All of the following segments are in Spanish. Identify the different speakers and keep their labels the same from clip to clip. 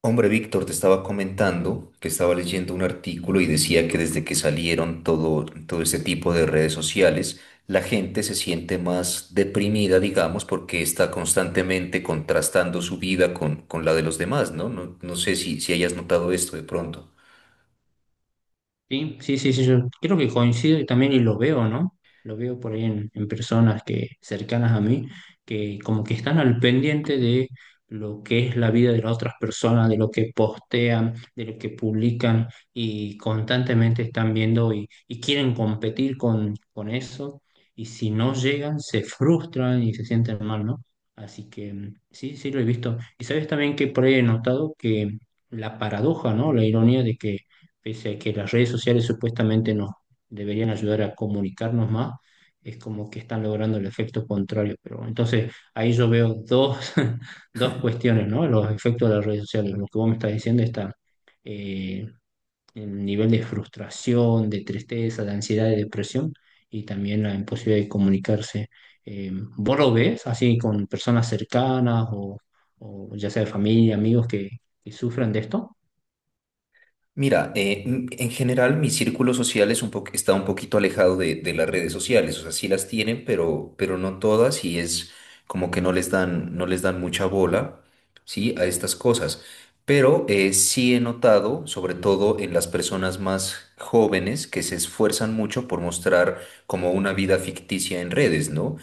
Speaker 1: Hombre, Víctor, te estaba comentando que estaba leyendo un artículo y decía que desde que salieron todo este tipo de redes sociales, la gente se siente más deprimida, digamos, porque está constantemente contrastando su vida con la de los demás, ¿no? No sé si hayas notado esto de pronto.
Speaker 2: Sí, sí, sí, sí, yo creo que coincido y también y lo veo, ¿no? Lo veo por ahí en personas que cercanas a mí, que como que están al pendiente de lo que es la vida de las otras personas, de lo que postean, de lo que publican y constantemente están viendo y quieren competir con eso y si no llegan se frustran y se sienten mal, ¿no? Así que sí, sí lo he visto. Y sabes también que por ahí he notado que la paradoja, ¿no? La ironía de que pese a que las redes sociales supuestamente nos deberían ayudar a comunicarnos más, es como que están logrando el efecto contrario. Pero bueno, entonces ahí yo veo dos, dos cuestiones, ¿no? Los efectos de las redes sociales. Lo que vos me estás diciendo está eh, el nivel de frustración, de tristeza, de ansiedad, de depresión y también la imposibilidad de comunicarse. Eh, ¿Vos lo ves así con personas cercanas o ya sea de familia, amigos que sufran de esto?
Speaker 1: Mira, en general mi círculo social es está un poquito alejado de las redes sociales, o sea, sí las tienen, pero no todas y es como que no les dan, no les dan mucha bola, ¿sí? A estas cosas. Pero sí he notado, sobre todo en las personas más jóvenes, que se esfuerzan mucho por mostrar como una vida ficticia en redes, ¿no?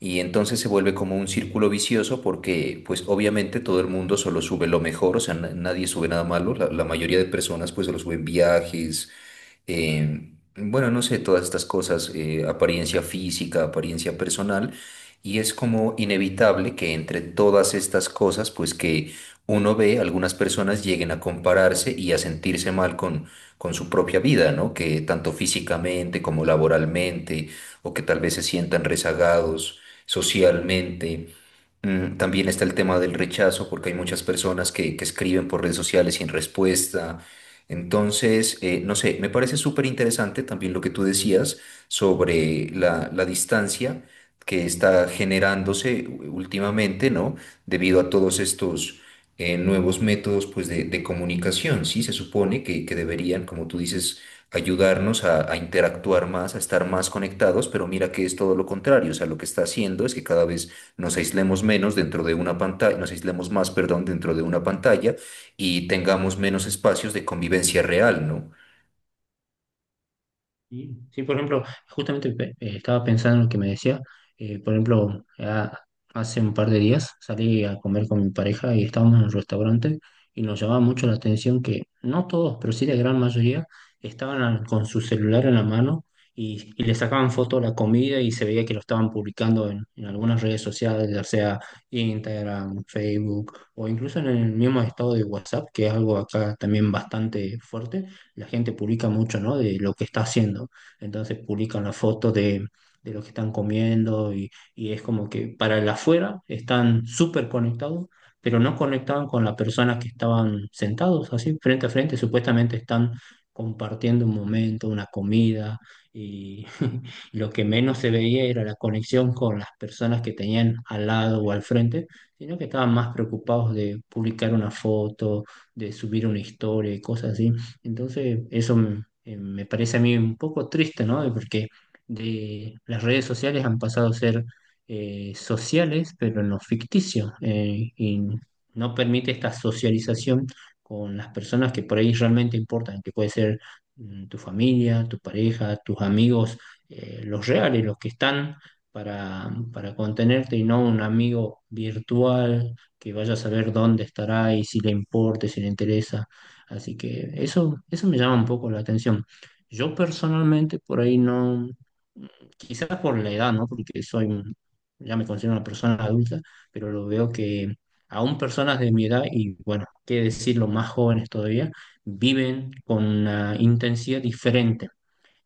Speaker 1: Y entonces se vuelve como un círculo vicioso porque pues obviamente todo el mundo solo sube lo mejor, o sea, nadie sube nada malo, la mayoría de personas pues solo suben viajes, bueno, no sé, todas estas cosas, apariencia física, apariencia personal, y es como inevitable que entre todas estas cosas, pues que uno ve, algunas personas lleguen a compararse y a sentirse mal con su propia vida, ¿no? Que tanto físicamente como laboralmente, o que tal vez se sientan rezagados socialmente. Mm, también está el tema del rechazo, porque hay muchas personas que escriben por redes sociales sin respuesta. Entonces, no sé, me parece súper interesante también lo que tú decías sobre la distancia que está generándose últimamente, ¿no? Debido a todos estos nuevos métodos, pues, de comunicación, ¿sí? Se supone que deberían, como tú dices, ayudarnos a interactuar más, a estar más conectados, pero mira que es todo lo contrario. O sea, lo que está haciendo es que cada vez nos aislemos menos dentro de una pantalla, nos aislemos más, perdón, dentro de una pantalla y tengamos menos espacios de convivencia real, ¿no?
Speaker 2: Sí, sí, por ejemplo, justamente estaba pensando en lo que me decía. Por ejemplo, ya hace un par de días salí a comer con mi pareja y estábamos en un restaurante y nos llamaba mucho la atención que no todos, pero sí la gran mayoría, estaban con su celular en la mano y le sacaban fotos a la comida y se veía que lo estaban publicando en algunas redes sociales, ya sea Instagram, Facebook o incluso en el mismo estado de WhatsApp, que es algo acá también bastante fuerte, la gente publica mucho, ¿no? De lo que está haciendo. Entonces publican la foto de lo que están comiendo y es como que para el afuera están súper conectados, pero no conectaban con las personas que estaban sentados así, frente a frente. Supuestamente están compartiendo un momento, una comida y lo que menos se veía era la conexión con las personas que tenían al lado o al frente, sino que estaban más preocupados de publicar una foto, de subir una historia y cosas así. Entonces, eso me parece a mí un poco triste, ¿no? Porque las redes sociales han pasado a ser sociales, pero en lo ficticio, y no permite esta socialización con las personas que por ahí realmente importan, que puede ser tu familia, tu pareja, tus amigos, los reales, los que están para contenerte y no un amigo virtual que vaya a saber dónde estará y si le importa, si le interesa. Así que eso me llama un poco la atención. Yo personalmente por ahí no, quizás por la edad, ¿no? Porque ya me considero una persona adulta, pero lo veo que aún personas de mi edad, y bueno, qué decirlo, más jóvenes todavía, viven con una intensidad diferente,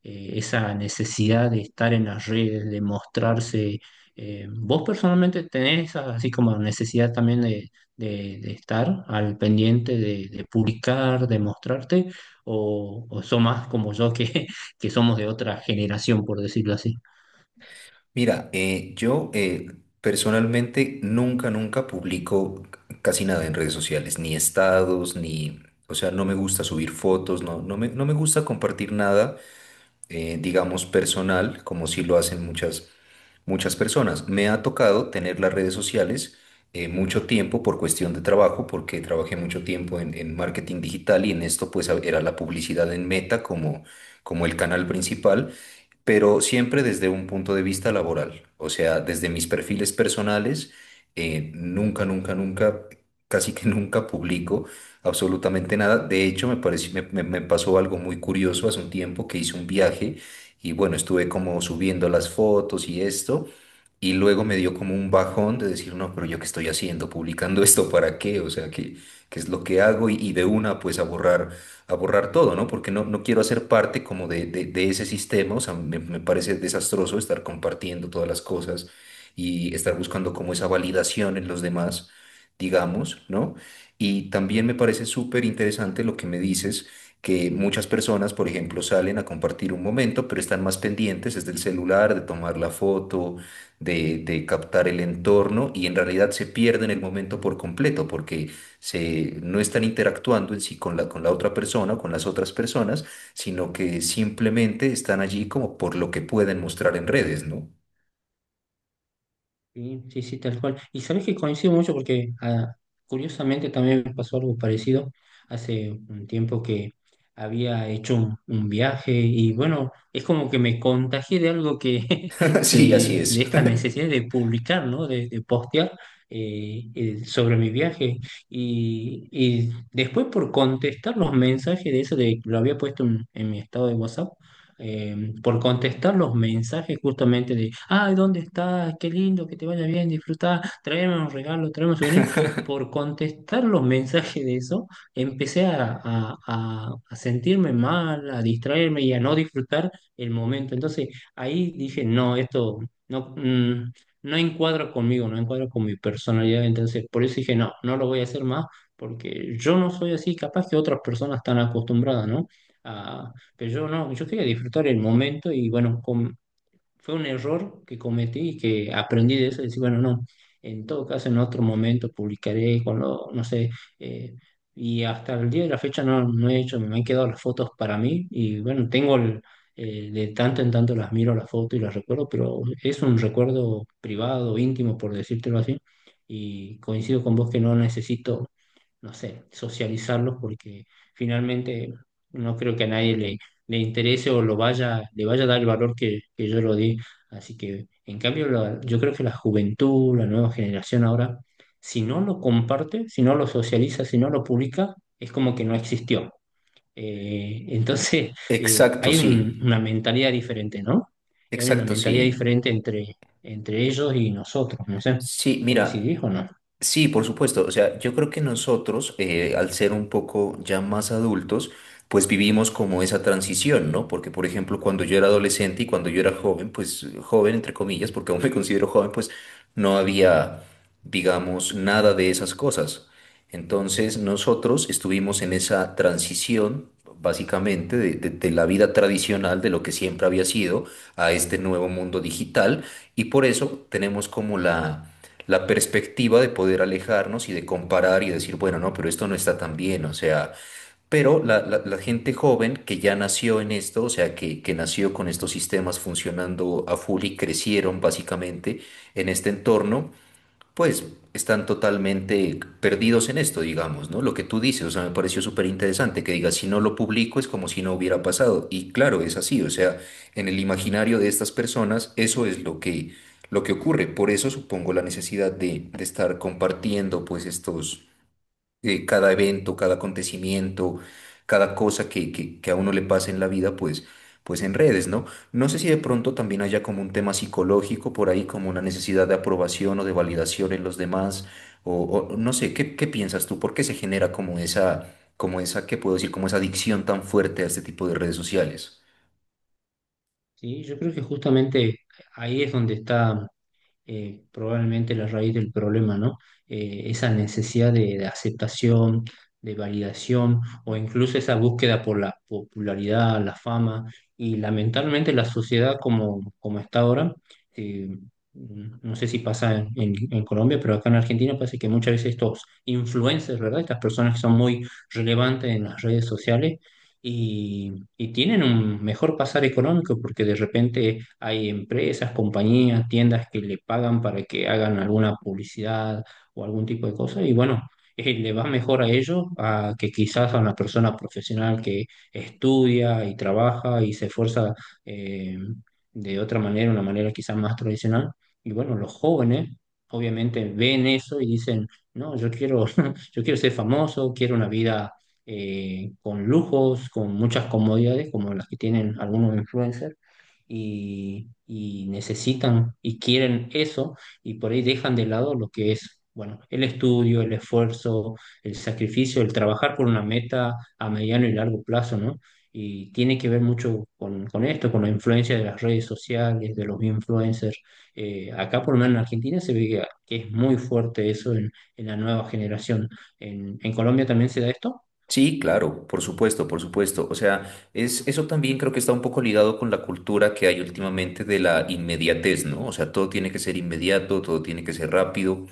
Speaker 2: esa necesidad de estar en las redes, de mostrarse. ¿Vos personalmente tenés esa, así como necesidad también de estar al pendiente, de publicar, de mostrarte? O sos más como yo que, que somos de otra generación, por decirlo así?
Speaker 1: Mira, yo, personalmente nunca, nunca publico casi nada en redes sociales, ni estados, ni, o sea, no me gusta subir fotos, no, no me gusta compartir nada, digamos, personal, como si lo hacen muchas, muchas personas. Me ha tocado tener las redes sociales mucho tiempo por cuestión de trabajo, porque trabajé mucho tiempo en marketing digital y en esto pues era la publicidad en Meta como, como el canal principal, pero siempre desde un punto de vista laboral, o sea, desde mis perfiles personales, nunca, nunca, nunca, casi que nunca publico absolutamente nada. De hecho, me pareció, me pasó algo muy curioso hace un tiempo que hice un viaje y bueno, estuve como subiendo las fotos y esto. Y luego me dio como un bajón de decir, no, pero yo qué estoy haciendo, publicando esto para qué, o sea, qué, qué es lo que hago y de una pues a borrar todo, ¿no? Porque no, no quiero hacer parte como de ese sistema, o sea, me parece desastroso estar compartiendo todas las cosas y estar buscando como esa validación en los demás, digamos, ¿no? Y también me parece súper interesante lo que me dices, que muchas personas, por ejemplo, salen a compartir un momento, pero están más pendientes, es del celular, de tomar la foto, de captar el entorno y en realidad se pierden el momento por completo, porque no están interactuando en sí con con la otra persona o con las otras personas, sino que simplemente están allí como por lo que pueden mostrar en redes, ¿no?
Speaker 2: Sí, sí, sí, tal cual. Y sabes que coincido mucho porque curiosamente también me pasó algo parecido hace un tiempo que había hecho un viaje y bueno, es como que me contagié de algo que,
Speaker 1: Sí,
Speaker 2: que
Speaker 1: así
Speaker 2: de
Speaker 1: es.
Speaker 2: esta necesidad de publicar, ¿no? De postear sobre mi viaje. Y después por contestar los mensajes de eso, de que lo había puesto en mi estado de WhatsApp, eh, por contestar los mensajes justamente de, ay, ¿dónde estás? Qué lindo, que te vaya bien, disfrutar, traerme un regalo, traerme un souvenir. Por contestar los mensajes de eso, empecé a sentirme mal, a distraerme y a no disfrutar el momento. Entonces ahí dije, no, esto no, no encuadra conmigo, no encuadra con mi personalidad. Entonces por eso dije, no, no lo voy a hacer más, porque yo no soy así, capaz que otras personas están acostumbradas, ¿no? Que yo no, yo quería disfrutar el momento y bueno, fue un error que cometí y que aprendí de eso, decir, bueno, no, en todo caso en otro momento publicaré cuando, no sé, eh, y hasta el día de la fecha no, no he hecho, me han quedado las fotos para mí y bueno, de tanto en tanto las miro las fotos y las recuerdo, pero es un recuerdo privado, íntimo, por decírtelo así, y coincido con vos que no necesito, no sé, socializarlos porque finalmente no creo que a nadie le, le interese o lo vaya, le vaya a dar el valor que yo lo di. Así que, en cambio, yo creo que la juventud, la nueva generación ahora, si no lo comparte, si no lo socializa, si no lo publica, es como que no existió. Entonces,
Speaker 1: Exacto,
Speaker 2: hay
Speaker 1: sí.
Speaker 2: una mentalidad diferente, ¿no? Hay una
Speaker 1: Exacto, sí.
Speaker 2: mentalidad diferente entre ellos y nosotros, no sé,
Speaker 1: Sí, mira.
Speaker 2: ¿coincidís o no?
Speaker 1: Sí, por supuesto. O sea, yo creo que nosotros, al ser un poco ya más adultos, pues vivimos como esa transición, ¿no? Porque, por ejemplo, cuando yo era adolescente y cuando yo era joven, pues joven, entre comillas, porque aún me considero joven, pues no había, digamos, nada de esas cosas. Entonces, nosotros estuvimos en esa transición, básicamente, de la vida tradicional, de lo que siempre había sido, a este nuevo mundo digital. Y por eso tenemos como la la perspectiva de poder alejarnos y de comparar y decir, bueno, no, pero esto no está tan bien, o sea, pero la gente joven que ya nació en esto, o sea, que nació con estos sistemas funcionando a full y crecieron básicamente en este entorno, pues están totalmente perdidos en esto, digamos, ¿no? Lo que tú dices, o sea, me pareció súper interesante que digas, si no lo publico es como si no hubiera pasado. Y claro, es así, o sea, en el imaginario de estas personas eso es lo que ocurre. Por eso supongo la necesidad de estar compartiendo pues estos cada evento, cada acontecimiento, cada cosa que a uno le pasa en la vida, pues, pues en redes, ¿no? No sé si de pronto también haya como un tema psicológico por ahí, como una necesidad de aprobación o de validación en los demás, o, o no sé, ¿qué, qué piensas tú? ¿Por qué se genera como esa, qué puedo decir, como esa adicción tan fuerte a este tipo de redes sociales?
Speaker 2: Sí, yo creo que justamente ahí es donde está probablemente la raíz del problema, ¿no? Esa necesidad de aceptación, de validación o incluso esa búsqueda por la popularidad, la fama y lamentablemente la sociedad como, como está ahora, eh, no sé si pasa en Colombia, pero acá en Argentina parece que muchas veces estos influencers, ¿verdad? Estas personas que son muy relevantes en las redes sociales y tienen un mejor pasar económico porque de repente hay empresas, compañías, tiendas que le pagan para que hagan alguna publicidad o algún tipo de cosa y bueno, le va mejor a ellos a que quizás a una persona profesional que estudia y trabaja y se esfuerza, eh, de otra manera, una manera quizás más tradicional. Y bueno, los jóvenes obviamente ven eso y dicen, no, yo quiero, yo quiero ser famoso, quiero una vida con lujos, con muchas comodidades, como las que tienen algunos influencers, y necesitan y quieren eso, y por ahí dejan de lado lo que es, bueno, el estudio, el esfuerzo, el sacrificio, el trabajar por una meta a mediano y largo plazo, ¿no? Y tiene que ver mucho con esto, con la influencia de las redes sociales, de los influencers. Acá, por lo menos en Argentina, se ve que es muy fuerte eso en la nueva generación. En Colombia también se da esto?
Speaker 1: Sí, claro, por supuesto, por supuesto. O sea, es, eso también creo que está un poco ligado con la cultura que hay últimamente de la inmediatez, ¿no? O sea, todo tiene que ser inmediato, todo tiene que ser rápido.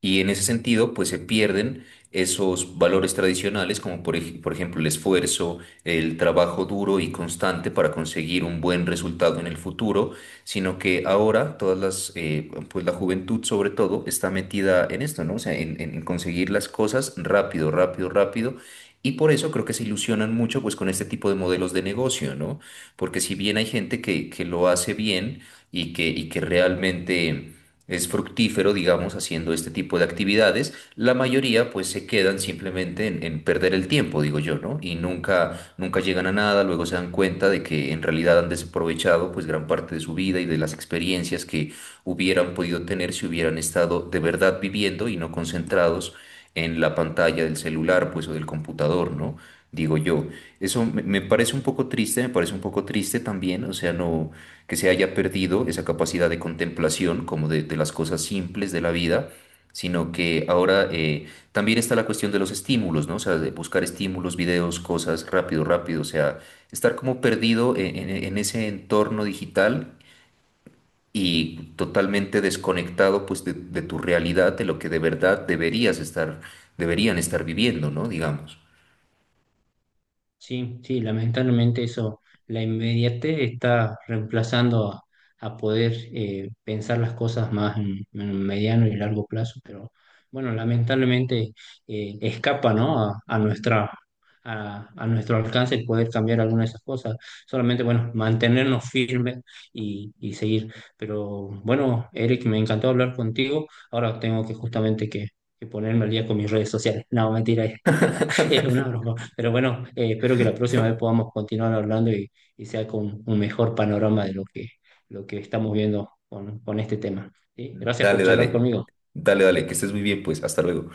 Speaker 1: Y en ese sentido, pues se pierden esos valores tradicionales, como por, por ejemplo el esfuerzo, el trabajo duro y constante para conseguir un buen resultado en el futuro, sino que ahora todas las, pues la juventud sobre todo está metida en esto, ¿no? O sea, en, en conseguir las cosas rápido, rápido, rápido. Y por eso creo que se ilusionan mucho pues con este tipo de modelos de negocio, ¿no? Porque si bien hay gente que lo hace bien y que realmente es fructífero, digamos, haciendo este tipo de actividades, la mayoría pues se quedan simplemente en perder el tiempo, digo yo, ¿no? Y nunca, nunca llegan a nada, luego se dan cuenta de que en realidad han desaprovechado pues gran parte de su vida y de las experiencias que hubieran podido tener si hubieran estado de verdad viviendo y no concentrados en la pantalla del celular pues o del computador, ¿no? Digo yo, eso me parece un poco triste, me parece un poco triste también, o sea, no, que se haya perdido esa capacidad de contemplación como de las cosas simples de la vida, sino que ahora también está la cuestión de los estímulos, ¿no? O sea, de buscar estímulos, videos, cosas rápido, rápido, o sea, estar como perdido en, en ese entorno digital y totalmente desconectado pues de tu realidad, de lo que de verdad deberías estar, deberían estar viviendo, ¿no? Digamos.
Speaker 2: Sí, sí, lamentablemente eso, la inmediatez está reemplazando a poder pensar las cosas más en un mediano y largo plazo, pero bueno, lamentablemente escapa, ¿no? A, a nuestra, a nuestro alcance el poder cambiar alguna de esas cosas, solamente, bueno, mantenernos firmes y seguir. Pero bueno, Eric, me encantó hablar contigo, ahora tengo que justamente que ponerme al día con mis redes sociales. No, mentira, es una broma. Pero bueno, espero que la próxima vez podamos continuar hablando y sea con un mejor panorama de lo que estamos viendo con este tema. ¿Sí? Gracias por
Speaker 1: Dale,
Speaker 2: charlar
Speaker 1: dale,
Speaker 2: conmigo.
Speaker 1: dale, dale, que estés muy bien, pues, hasta luego.